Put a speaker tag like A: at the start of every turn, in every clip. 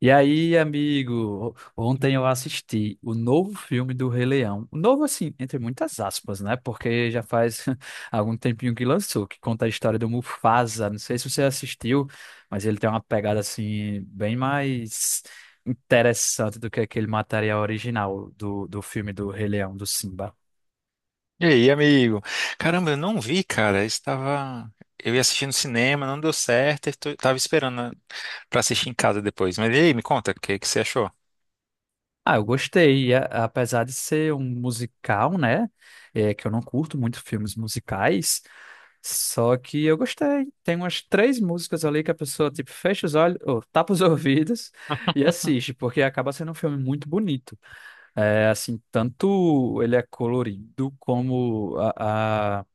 A: E aí, amigo, ontem eu assisti o novo filme do Rei Leão. Novo, assim, entre muitas aspas, né? Porque já faz algum tempinho que lançou, que conta a história do Mufasa. Não sei se você assistiu, mas ele tem uma pegada, assim, bem mais interessante do que aquele material original do filme do Rei Leão, do Simba.
B: E aí, amigo? Caramba, eu não vi, cara. Eu estava. Eu ia assistir no cinema, não deu certo. Estou... Tava esperando pra assistir em casa depois. Mas e aí, me conta, o que que você achou?
A: Ah, eu gostei, apesar de ser um musical, né? É, que eu não curto muito filmes musicais. Só que eu gostei. Tem umas três músicas ali que a pessoa, tipo, fecha os olhos, ou tapa os ouvidos e assiste, porque acaba sendo um filme muito bonito. É, assim, tanto ele é colorido, como a,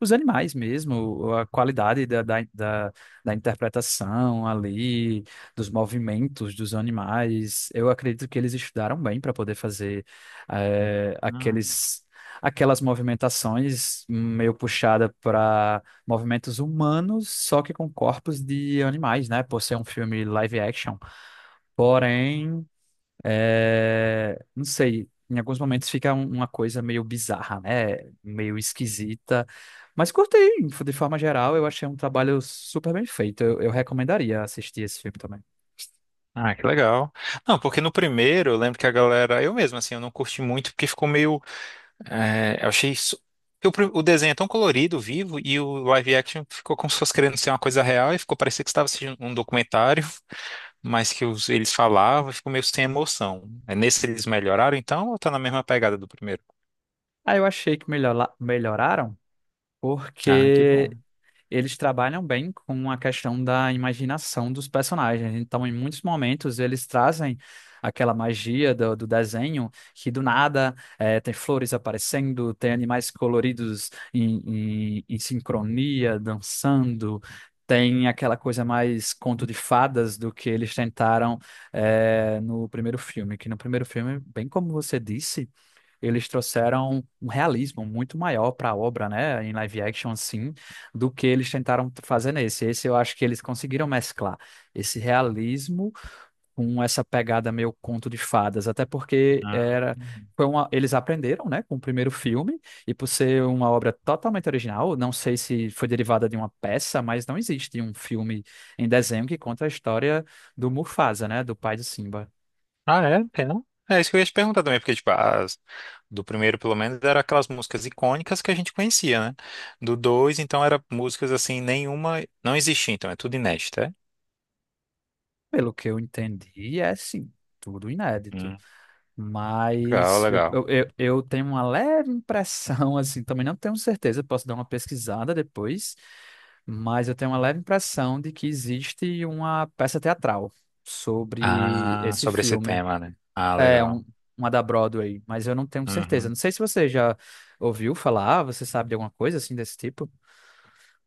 A: os animais mesmo, a qualidade da interpretação ali, dos movimentos dos animais. Eu acredito que eles estudaram bem para poder fazer
B: Hum.
A: aqueles, aquelas movimentações meio puxada para movimentos humanos, só que com corpos de animais, né? Por ser um filme live action. Porém. É, não sei, em alguns momentos fica uma coisa meio bizarra, né? Meio esquisita. Mas curtei, de forma geral, eu achei um trabalho super bem feito. Eu recomendaria assistir esse filme também.
B: Ah, que legal. Não, porque no primeiro eu lembro que a galera. Eu mesmo, assim, eu não curti muito porque ficou meio. É, eu achei. Isso- porque o pri- o desenho é tão colorido, vivo, e o live action ficou como se fosse querendo ser uma coisa real e ficou parecendo que você estava assistindo um documentário. Mas que os- eles falavam, ficou meio sem emoção. É, nesse eles melhoraram, então, ou tá na mesma pegada do primeiro?
A: Aí eu achei que melhoraram,
B: Ah, que
A: porque
B: bom.
A: eles trabalham bem com a questão da imaginação dos personagens. Então, em muitos momentos, eles trazem aquela magia do desenho que do nada tem flores aparecendo, tem animais coloridos em sincronia, dançando. Tem aquela coisa mais conto de fadas do que eles tentaram no primeiro filme, que no primeiro filme, bem como você disse, eles trouxeram um realismo muito maior para a obra, né, em live action, sim, do que eles tentaram fazer nesse. Esse eu acho que eles conseguiram mesclar esse realismo com essa pegada meio conto de fadas, até porque
B: Ah,
A: era foi uma, eles aprenderam, né, com o primeiro filme, e por ser uma obra totalmente original, não sei se foi derivada de uma peça, mas não existe um filme em desenho que conta a história do Mufasa, né, do pai de Simba.
B: Ah, é? Tem não? É isso que eu ia te perguntar também, porque, tipo, as, do primeiro, pelo menos, eram aquelas músicas icônicas que a gente conhecia, né? Do dois, então, era músicas, assim, nenhuma... Não existia, então, é tudo inédito, é?
A: Pelo que eu entendi, é sim, tudo inédito.
B: Hum. Legal,
A: Mas eu,
B: legal.
A: eu, eu eu tenho uma leve impressão, assim, também não tenho certeza, posso dar uma pesquisada depois, mas eu tenho uma leve impressão de que existe uma peça teatral sobre
B: Ah,
A: esse
B: sobre esse
A: filme.
B: tema, né? Ah,
A: É,
B: legal.
A: um, uma da Broadway, mas eu não tenho certeza.
B: Uhum.
A: Não sei se você já ouviu falar, você sabe de alguma coisa assim desse tipo?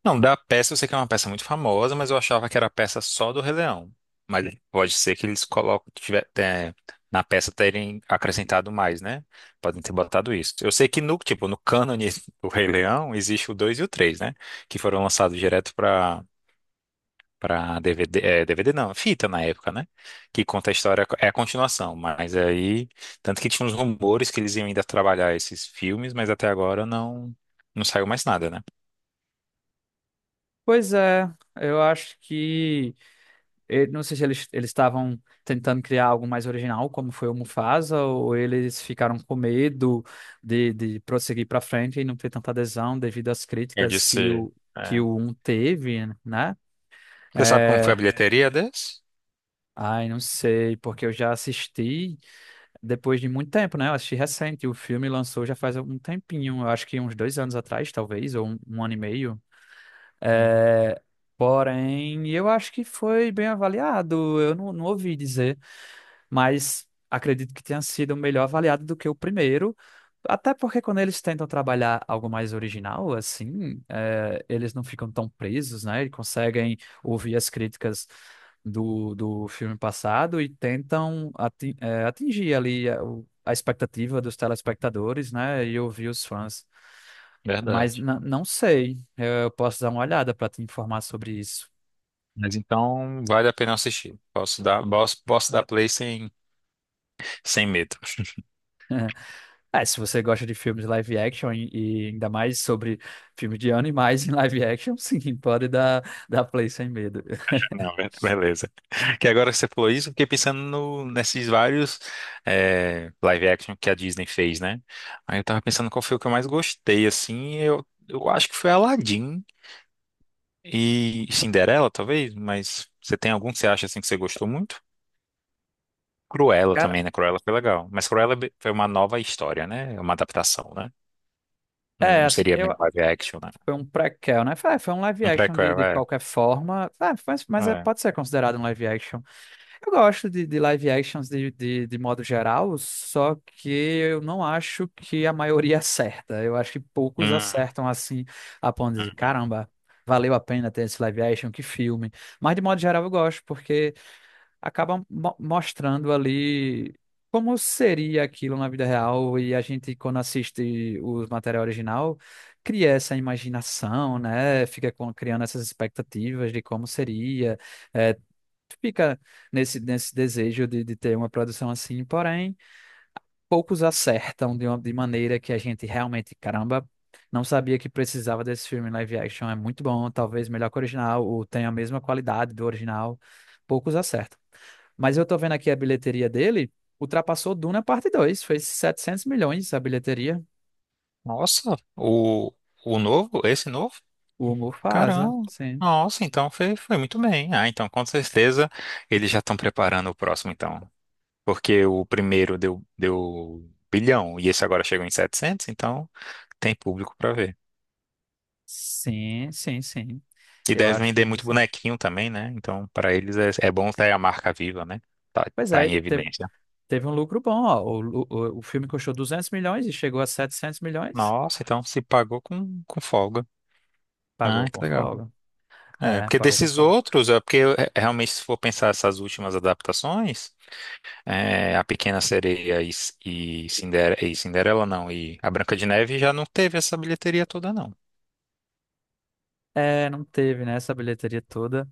B: Não, da peça eu sei que é uma peça muito famosa, mas eu achava que era a peça só do Rei Leão. Mas pode ser que eles colocam, tiver, é, na peça terem acrescentado mais, né? Podem ter botado isso. Eu sei que no, tipo, no cânone do Rei Leão existe o 2 e o 3, né? Que foram lançados direto para DVD, é, DVD não, fita na época, né? Que conta a história, é a continuação, mas aí, tanto que tinha uns rumores que eles iam ainda trabalhar esses filmes, mas até agora não saiu mais nada, né?
A: Pois é, eu acho que. Eu não sei se eles estavam tentando criar algo mais original, como foi o Mufasa, ou eles ficaram com medo de prosseguir para frente e não ter tanta adesão devido às
B: Eu
A: críticas
B: disse.
A: que o um teve, né?
B: Você sabe como foi a
A: É,
B: bilheteria desse?
A: ai, não sei, porque eu já assisti depois de muito tempo, né? Eu assisti recente, o filme lançou já faz um tempinho, eu acho que uns 2 anos atrás, talvez, ou um ano e meio.
B: Hum.
A: É, porém, eu acho que foi bem avaliado, eu não ouvi dizer, mas acredito que tenha sido melhor avaliado do que o primeiro. Até porque quando eles tentam trabalhar algo mais original, assim, eles não ficam tão presos, né? E conseguem ouvir as críticas do filme passado e tentam atingir ali a, a expectativa dos telespectadores, né? E ouvir os fãs. Mas
B: Verdade.
A: não sei, eu posso dar uma olhada para te informar sobre isso.
B: Mas então vale a pena assistir. Posso dar, posso, posso dar play sem, sem medo.
A: É, se você gosta de filmes live action e ainda mais sobre filmes de animais em live action, sim, pode dar, dar play sem medo.
B: Não, be- beleza. Que agora que você falou isso, eu fiquei pensando no- nesses vários live action que a Disney fez, né? Aí eu tava pensando qual foi o que eu mais gostei, assim. Eu acho que foi Aladdin e Cinderela, talvez, mas você tem algum que você acha assim que você gostou muito? Cruella
A: Cara,
B: também, né? Cruella foi legal. Mas Cruella é be- foi uma nova história, né? É uma adaptação, né? Não
A: é,
B: não
A: assim,
B: seria bem
A: eu.
B: live action, né?
A: Foi um prequel, né? Foi, é, foi um live
B: Um
A: action de,
B: prequel,
A: de
B: é.
A: qualquer forma. É, mas é,
B: É.
A: pode ser considerado um live action. Eu gosto de live actions de modo geral, só que eu não acho que a maioria acerta. Eu acho que poucos
B: Hum,
A: acertam assim, a ponto de dizer,
B: uhum.
A: caramba, valeu a pena ter esse live action, que filme. Mas de modo geral eu gosto, porque acaba mostrando ali como seria aquilo na vida real e a gente, quando assiste o material original, cria essa imaginação, né? Fica criando essas expectativas de como seria, é, fica nesse desejo de ter uma produção assim, porém poucos acertam de uma de maneira que a gente realmente, caramba, não sabia que precisava desse filme live action. É muito bom, talvez melhor que o original, ou tenha a mesma qualidade do original. Poucos acertam. Mas eu tô vendo aqui a bilheteria dele, ultrapassou Duna parte 2, fez 700 milhões a bilheteria.
B: Nossa, o novo, esse novo?
A: O Mufasa,
B: Caramba.
A: sim.
B: Nossa, então foi, foi muito bem. Ah, então com certeza eles já estão preparando o próximo, então. Porque o primeiro deu, deu bilhão e esse agora chegou em 700 então tem público para ver.
A: Sim, sim, sim.
B: E
A: Eu
B: deve
A: acho que
B: vender muito
A: isso é.
B: bonequinho também, né? Então, para eles é, é bom ter a marca viva, né? Tá,
A: Pois
B: tá
A: é,
B: em
A: teve,
B: evidência.
A: teve um lucro bom, ó. O filme custou 200 milhões e chegou a 700 milhões.
B: Nossa, então se pagou com folga. Ah,
A: Pagou
B: que
A: com
B: legal.
A: folga.
B: É,
A: É,
B: porque
A: pagou com
B: desses
A: folga.
B: outros, é porque é, realmente se for pensar essas últimas adaptações, é, a Pequena Sereia e, Cinder- e Cinderela, não, e a Branca de Neve já não teve essa bilheteria toda, não.
A: É, não teve, né, essa bilheteria toda.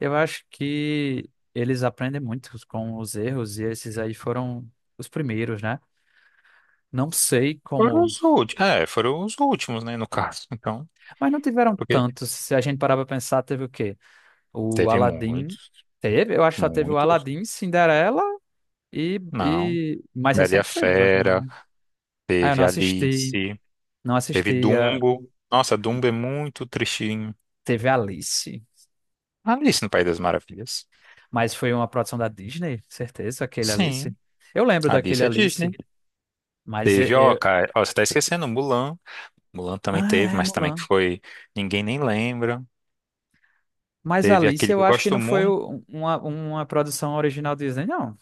A: Eu acho que eles aprendem muito com os erros e esses aí foram os primeiros, né? Não sei
B: Foram
A: como,
B: os últimos, é, foram os últimos, né, no caso. Então,
A: mas não tiveram
B: porque
A: tantos. Se a gente parar pra pensar, teve o quê? O
B: teve
A: Aladdin
B: muitos,
A: teve, eu acho que só teve o
B: muitos.
A: Aladdin, Cinderela e,
B: Não,
A: e... mais
B: Bela e a
A: recente foi Branca de
B: Fera,
A: Neve. Ah, eu
B: teve
A: não assisti,
B: Alice,
A: não
B: teve
A: assisti.
B: Dumbo. Nossa, Dumbo é muito tristinho.
A: Teve Alice,
B: Alice no País das Maravilhas.
A: mas foi uma produção da Disney, certeza, aquele Alice.
B: Sim,
A: Eu lembro daquele
B: Alice é Disney.
A: Alice. Mas
B: Teve, ó, cara, ó, você tá esquecendo, Mulan. Mulan também
A: ah,
B: teve,
A: é,
B: mas também que
A: Mulan.
B: foi. Ninguém nem lembra.
A: Mas
B: Teve
A: Alice,
B: aquele que
A: eu
B: eu
A: acho que
B: gosto
A: não foi
B: muito.
A: uma produção original Disney, não.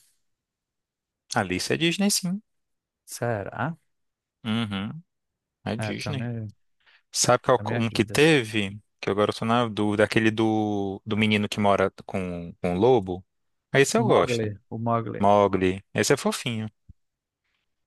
B: Alice é Disney, sim.
A: Será?
B: Uhum, é
A: É,
B: Disney. Sabe qual
A: tenho minhas
B: um que
A: dúvidas.
B: teve? Que agora eu tô na dúvida. Aquele do, do menino que mora com o lobo. Esse eu gosto.
A: Mowgli, o Mowgli.
B: Mowgli. Esse é fofinho.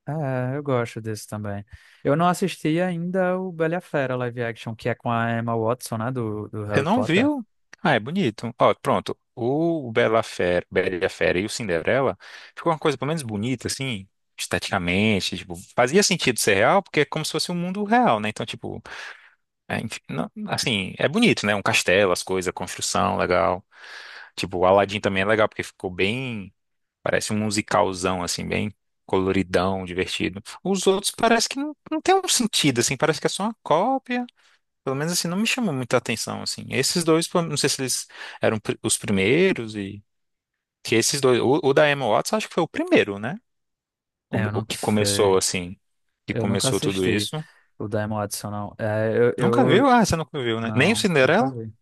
A: É, eu gosto desse também. Eu não assisti ainda o Bela e a Fera live action, que é com a Emma Watson, né, do
B: Você
A: Harry
B: não
A: Potter.
B: viu? Ah, é bonito. Ó, pronto. O Bela Fera, Bela Fera e o Cinderela ficou uma coisa pelo menos bonita, assim, esteticamente. Tipo, fazia sentido ser real, porque é como se fosse um mundo real, né? Então, tipo, é, enfim, não- assim, é bonito, né? Um castelo, as coisas, a construção, legal. Tipo, o Aladdin também é legal, porque ficou bem. Parece um musicalzão, assim, bem coloridão, divertido. Os outros parece que não, não tem um sentido, assim, parece que é só uma cópia. Pelo menos assim, não me chamou muita atenção, assim. Esses dois, pô, não sei se eles eram pri- os primeiros e... Que esses dois... O, o da Emma Watson acho que foi o primeiro, né?
A: É,
B: Come-
A: eu
B: O
A: não
B: que começou,
A: sei.
B: assim, que
A: Eu nunca
B: começou tudo
A: assisti
B: isso.
A: o Diamond Watson, não. É,
B: Nunca viu?
A: eu-
B: Ah, você nunca viu, né? Nem o
A: não, nunca
B: Cinderela?
A: vi.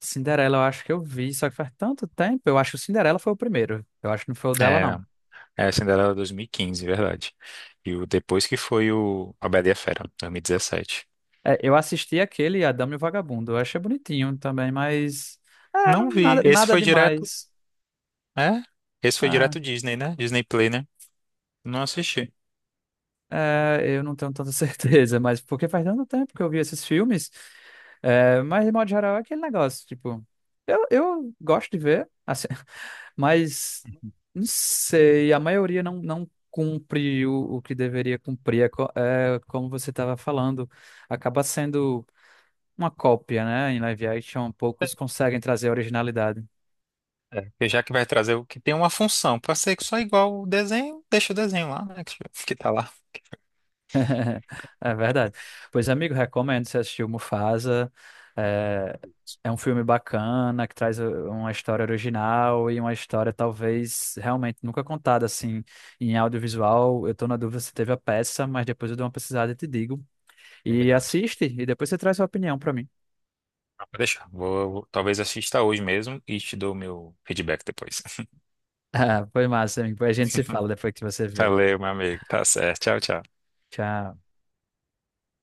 A: Cinderela eu acho que eu vi, só que faz tanto tempo. Eu acho que o Cinderela foi o primeiro. Eu acho que não foi o dela,
B: É,
A: não.
B: não. É, a Cinderela 2015, verdade. E o depois que foi o A Bela e a Fera, 2017.
A: É, eu assisti aquele, A Dama e o Vagabundo. Eu achei bonitinho também, mas. É,
B: Não
A: não,
B: vi.
A: nada,
B: Esse
A: nada
B: foi direto...
A: demais.
B: É? Esse foi
A: É.
B: direto Disney, né? Disney Play, né? Não assisti.
A: É, eu não tenho tanta certeza, mas porque faz tanto tempo que eu vi esses filmes. É, mas, de modo geral, é aquele negócio, tipo, eu gosto de ver, assim, mas não sei, a maioria não cumpre o que deveria cumprir. É, é, como você estava falando, acaba sendo uma cópia, né? Em live action, poucos conseguem trazer originalidade.
B: É, porque já que vai trazer o que tem uma função, para ser só igual o desenho, deixa o desenho lá, né? Que tá lá.
A: É verdade. Pois, amigo, recomendo você assistir o Mufasa. É, é um filme bacana que traz uma história original e uma história talvez realmente nunca contada assim em audiovisual. Eu tô na dúvida se teve a peça, mas depois eu dou uma pesquisada e te digo. E
B: Combinado.
A: assiste e depois você traz sua opinião pra mim.
B: Ah, pode deixar. Vou, vou- talvez assista hoje mesmo e te dou o meu feedback depois.
A: Ah, foi massa, amigo. A gente se fala depois que você vê.
B: Valeu, meu amigo. Tá certo. Tchau, tchau.
A: Tchau.